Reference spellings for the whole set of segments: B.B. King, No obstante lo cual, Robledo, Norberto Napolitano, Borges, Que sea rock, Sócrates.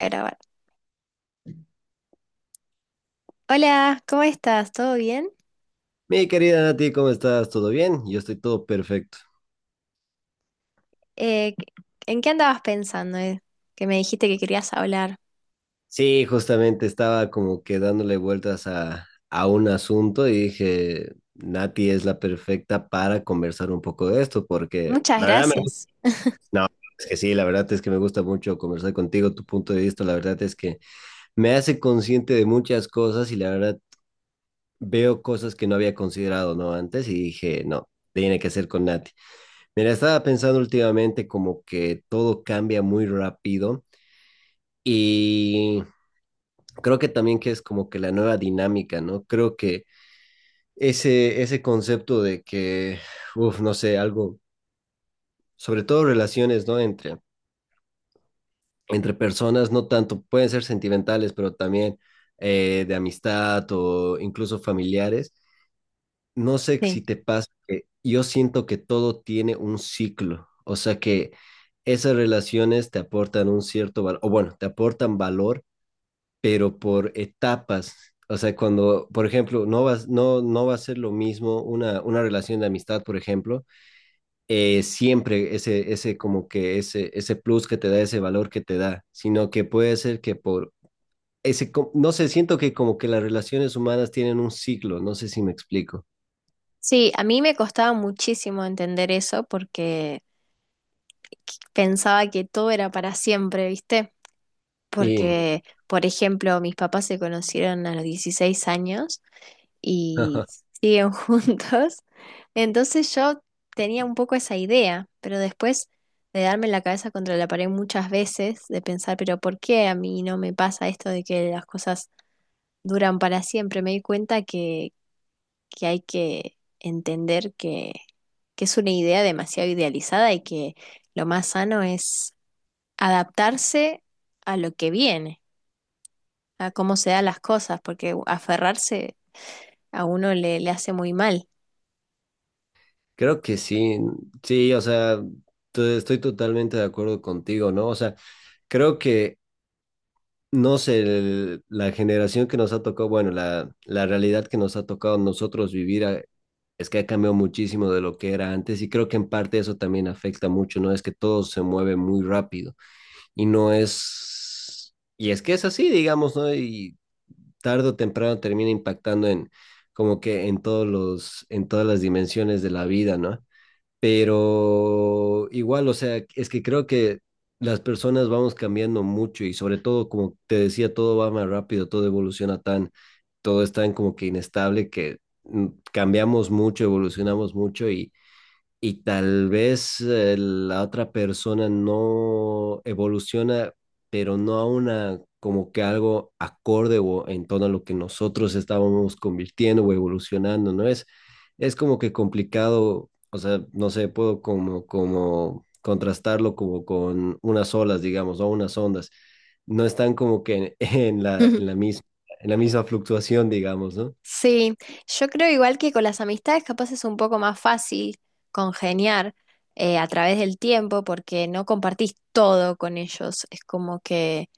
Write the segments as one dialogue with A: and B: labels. A: A grabar. Hola, ¿cómo estás? ¿Todo bien?
B: Mi querida Nati, ¿cómo estás? ¿Todo bien? Yo estoy todo perfecto.
A: Eh, ¿En qué andabas pensando, eh? Que me dijiste que querías hablar.
B: Sí, justamente estaba como que dándole vueltas a un asunto y dije, Nati es la perfecta para conversar un poco de esto, porque
A: Muchas
B: la verdad me gusta,
A: gracias.
B: no, es que sí, la verdad es que me gusta mucho conversar contigo, tu punto de vista, la verdad es que me hace consciente de muchas cosas y la verdad veo cosas que no había considerado, ¿no? Antes y dije, no, tiene que ser con Nati. Mira, estaba pensando últimamente como que todo cambia muy rápido y creo que también que es como que la nueva dinámica, ¿no? Creo que ese concepto de que, uff, no sé, algo, sobre todo relaciones, ¿no? Entre personas, no tanto, pueden ser sentimentales, pero también de amistad o incluso familiares. No sé
A: Sí.
B: si te pasa que yo siento que todo tiene un ciclo, o sea que esas relaciones te aportan un cierto valor, o bueno, te aportan valor pero por etapas. O sea, cuando, por ejemplo, no va, no, no va a ser lo mismo una relación de amistad, por ejemplo, siempre ese plus que te da, ese valor que te da, sino que puede ser que por no sé, siento que como que las relaciones humanas tienen un ciclo, no sé si me explico.
A: Sí, a mí me costaba muchísimo entender eso porque pensaba que todo era para siempre, ¿viste?
B: Y
A: Porque, por ejemplo, mis papás se conocieron a los 16 años y siguen juntos. Entonces yo tenía un poco esa idea, pero después de darme la cabeza contra la pared muchas veces, de pensar, pero ¿por qué a mí no me pasa esto de que las cosas duran para siempre? Me di cuenta que hay que entender que es una idea demasiado idealizada y que lo más sano es adaptarse a lo que viene, a cómo se dan las cosas, porque aferrarse a uno le hace muy mal.
B: creo que sí, sí, o sea, estoy totalmente de acuerdo contigo, ¿no? O sea, creo que no sé, la generación que nos ha tocado, bueno, la realidad que nos ha tocado nosotros vivir es que ha cambiado muchísimo de lo que era antes y creo que en parte eso también afecta mucho, ¿no? Es que todo se mueve muy rápido y no es, y es que es así, digamos, ¿no? Y tarde o temprano termina impactando en como que en todos los, en todas las dimensiones de la vida, ¿no? Pero igual, o sea, es que creo que las personas vamos cambiando mucho y sobre todo, como te decía, todo va más rápido, todo evoluciona tan, todo es tan como que inestable que mm, cambiamos mucho, evolucionamos mucho y tal vez la otra persona no evoluciona, pero no a una como que algo acorde o en tono a lo que nosotros estábamos convirtiendo o evolucionando, ¿no? Es como que complicado, o sea, no sé, puedo como, como contrastarlo como con unas olas, digamos, o unas ondas. No están como que en, en la misma fluctuación, digamos, ¿no?
A: Sí, yo creo igual que con las amistades capaz es un poco más fácil congeniar a través del tiempo porque no compartís todo con ellos. Es como que,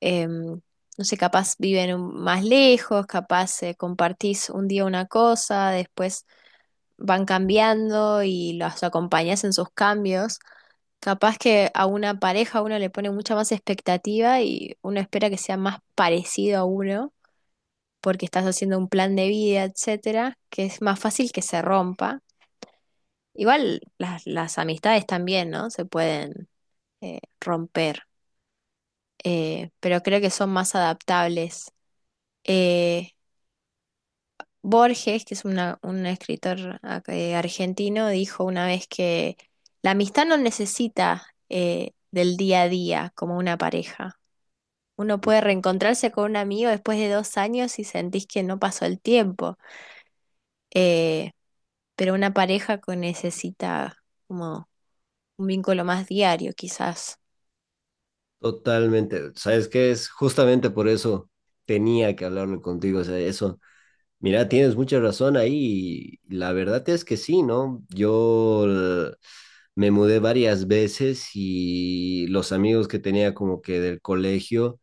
A: em, no sé, capaz más lejos, capaz compartís un día una cosa, después van cambiando y los acompañás en sus cambios. Capaz que a una pareja uno le pone mucha más expectativa y uno espera que sea más parecido a uno porque estás haciendo un plan de vida, etcétera, que es más fácil que se rompa. Igual las amistades también, ¿no? Se pueden romper, pero creo que son más adaptables. Eh, Borges, que es un escritor argentino, dijo una vez que la amistad no necesita, del día a día como una pareja. Uno puede reencontrarse con un amigo después de 2 años y sentís que no pasó el tiempo. Eh, pero una pareja que necesita como un vínculo más diario, quizás.
B: Totalmente. Sabes que es justamente por eso tenía que hablarlo contigo. O sea, eso, mira, tienes mucha razón ahí. Y la verdad es que sí, ¿no? Yo me mudé varias veces y los amigos que tenía como que del colegio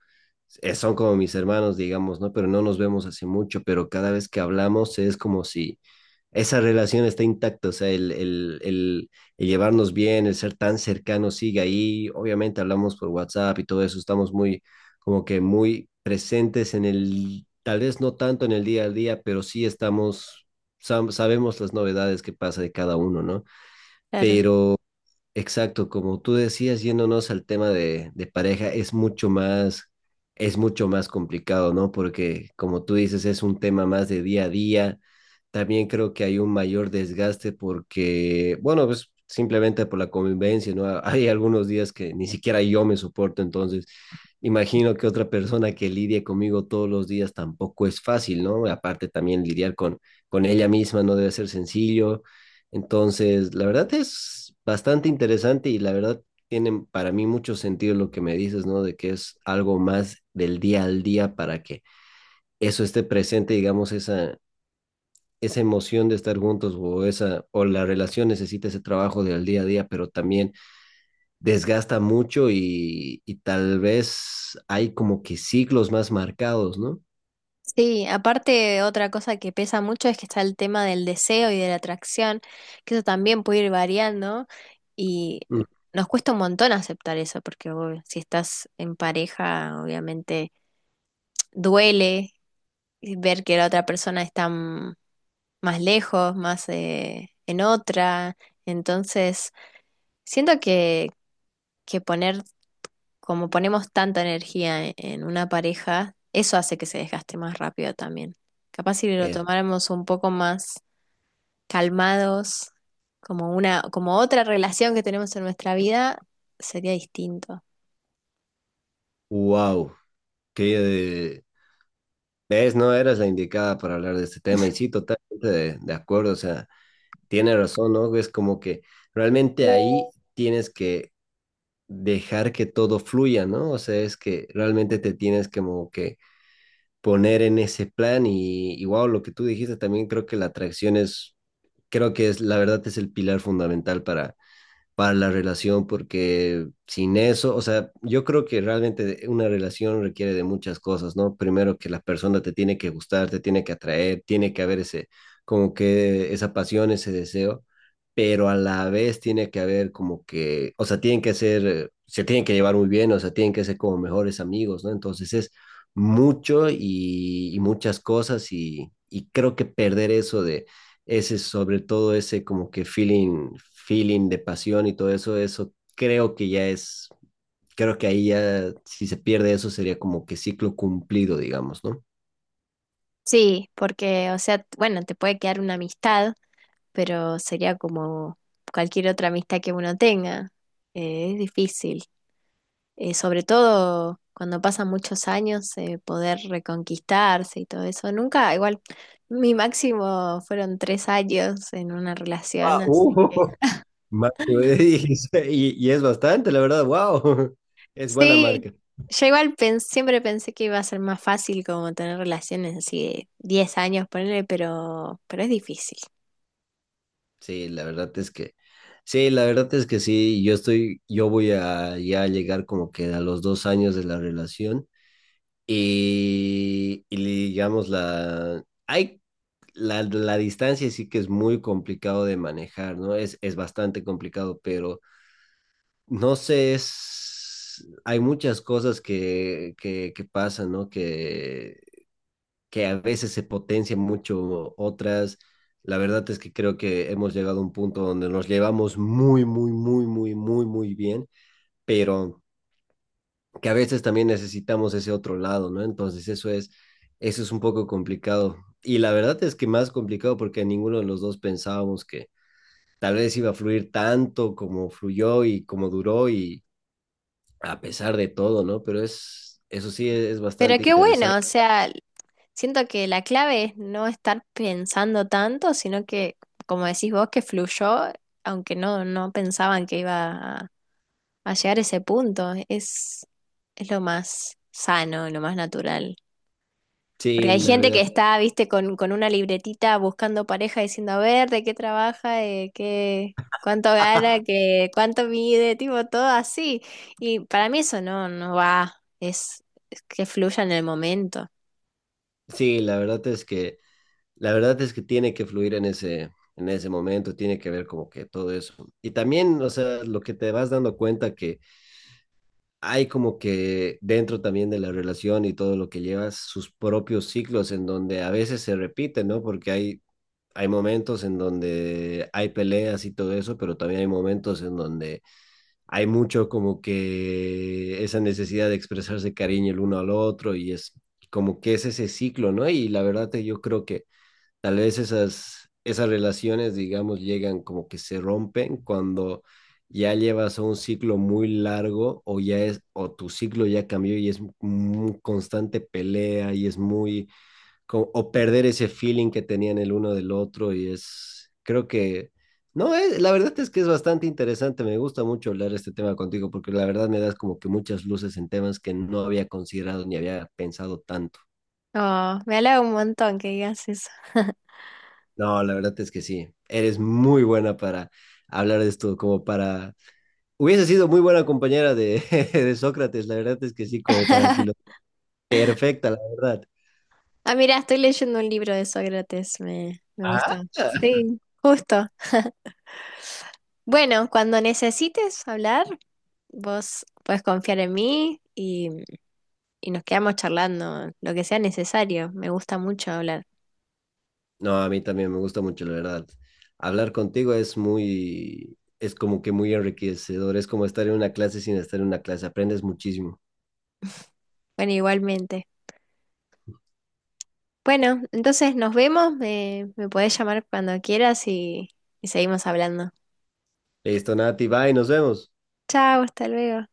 B: son como mis hermanos, digamos, ¿no? Pero no nos vemos hace mucho, pero cada vez que hablamos es como si esa relación está intacta, o sea, el llevarnos bien, el ser tan cercano sigue ahí. Obviamente hablamos por WhatsApp y todo eso, estamos muy, como que muy presentes en el, tal vez no tanto en el día a día, pero sí estamos, sabemos las novedades que pasa de cada uno, ¿no?
A: Claro.
B: Pero exacto, como tú decías, yéndonos al tema de pareja, es mucho más complicado, ¿no? Porque como tú dices, es un tema más de día a día. También creo que hay un mayor desgaste porque, bueno, pues simplemente por la convivencia, ¿no? Hay algunos días que ni siquiera yo me soporto, entonces imagino que otra persona que lidie conmigo todos los días tampoco es fácil, ¿no? Aparte también lidiar con ella misma no debe ser sencillo entonces, la verdad es bastante interesante y la verdad tiene para mí mucho sentido lo que me dices, ¿no? De que es algo más del día al día para que eso esté presente, digamos, esa emoción de estar juntos o esa, o la relación necesita ese trabajo del día a día, pero también desgasta mucho y tal vez hay como que ciclos más marcados, ¿no?
A: Sí, aparte otra cosa que pesa mucho es que está el tema del deseo y de la atracción, que eso también puede ir variando y
B: Mm,
A: nos cuesta un montón aceptar eso, porque uy, si estás en pareja, obviamente duele ver que la otra persona está, mm, más lejos, más en otra. Entonces, siento que poner como ponemos tanta energía en una pareja, eso hace que se desgaste más rápido también. Capaz si lo
B: es,
A: tomáramos un poco más calmados, como otra relación que tenemos en nuestra vida, sería distinto.
B: wow, que... ¿Ves? No eras la indicada para hablar de este tema y sí, totalmente de acuerdo. O sea, tiene razón, ¿no? Es como que realmente ahí tienes que dejar que todo fluya, ¿no? O sea, es que realmente te tienes como que poner en ese plan y wow, lo que tú dijiste también creo que la atracción es, creo que es, la verdad es el pilar fundamental para la relación, porque sin eso, o sea, yo creo que realmente una relación requiere de muchas cosas, ¿no? Primero que la persona te tiene que gustar, te tiene que atraer, tiene que haber ese, como que esa pasión, ese deseo, pero a la vez tiene que haber como que, o sea, tienen que ser, se tienen que llevar muy bien, o sea, tienen que ser como mejores amigos, ¿no? Entonces es mucho y muchas cosas y creo que perder eso de ese sobre todo ese como que feeling, feeling de pasión y todo eso, eso creo que ya es, creo que ahí ya si se pierde eso sería como que ciclo cumplido, digamos, ¿no?
A: Sí, porque, o sea, bueno, te puede quedar una amistad, pero sería como cualquier otra amistad que uno tenga. Es difícil. Eh, sobre todo cuando pasan muchos años, poder reconquistarse y todo eso. Nunca, igual, mi máximo fueron 3 años en una relación,
B: Ah,
A: así.
B: uh, Ma- Y, y es bastante, la verdad, wow, es buena
A: Sí,
B: marca.
A: yo igual siempre pensé que iba a ser más fácil como tener relaciones así de 10 años, ponerle, pero es difícil.
B: Sí, la verdad es que, sí, la verdad es que sí, yo estoy, yo voy a ya llegar como que a los dos años de la relación y digamos la, hay la, la distancia sí que es muy complicado de manejar, ¿no? Es bastante complicado, pero no sé, es, hay muchas cosas que pasan, ¿no? Que a veces se potencian mucho otras. La verdad es que creo que hemos llegado a un punto donde nos llevamos muy, muy, muy, muy, muy, muy bien, pero que a veces también necesitamos ese otro lado, ¿no? Entonces eso es un poco complicado. Y la verdad es que más complicado porque ninguno de los dos pensábamos que tal vez iba a fluir tanto como fluyó y como duró y a pesar de todo, ¿no? Pero es, eso sí es
A: Pero
B: bastante
A: qué
B: interesante.
A: bueno, o sea, siento que la clave es no estar pensando tanto, sino que, como decís vos, que fluyó, aunque no pensaban que iba a llegar a ese punto. Es lo más sano, lo más natural. Porque
B: Sí,
A: hay
B: la
A: gente que
B: verdad,
A: está, viste, con una libretita buscando pareja, diciendo, a ver, de qué trabaja, de qué, cuánto gana, que, cuánto mide, tipo, todo así. Y para mí eso no va, es, es que fluya en el momento.
B: sí, la verdad es que, la verdad es que tiene que fluir en ese momento, tiene que ver como que todo eso. Y también, o sea, lo que te vas dando cuenta que hay como que dentro también de la relación y todo lo que llevas, sus propios ciclos en donde a veces se repiten, ¿no? Porque hay momentos en donde hay peleas y todo eso, pero también hay momentos en donde hay mucho como que esa necesidad de expresarse cariño el uno al otro y es como que es ese ciclo, ¿no? Y la verdad que yo creo que tal vez esas, esas relaciones, digamos, llegan como que se rompen cuando ya llevas un ciclo muy largo o ya es, o tu ciclo ya cambió y es muy constante pelea y es muy, o perder ese feeling que tenían el uno del otro y es, creo que, no, la verdad es que es bastante interesante, me gusta mucho hablar este tema contigo porque la verdad me das como que muchas luces en temas que no había considerado ni había pensado tanto.
A: Oh, me halaga un montón que digas eso.
B: No, la verdad es que sí. Eres muy buena para hablar de esto, como para... Hubiese sido muy buena compañera de, de Sócrates, la verdad es que sí, como para filo. Perfecta, la verdad.
A: Ah, mira, estoy leyendo un libro de Sócrates, me
B: Ah.
A: gusta. Sí, justo. Bueno, cuando necesites hablar, vos podés confiar en mí y nos quedamos charlando lo que sea necesario. Me gusta mucho hablar.
B: No, a mí también me gusta mucho, la verdad. Hablar contigo es muy, es como que muy enriquecedor. Es como estar en una clase sin estar en una clase. Aprendes muchísimo.
A: Bueno, igualmente. Bueno, entonces nos vemos. Me podés llamar cuando quieras y seguimos hablando.
B: Listo, Nati, bye, nos vemos.
A: Chao, hasta luego.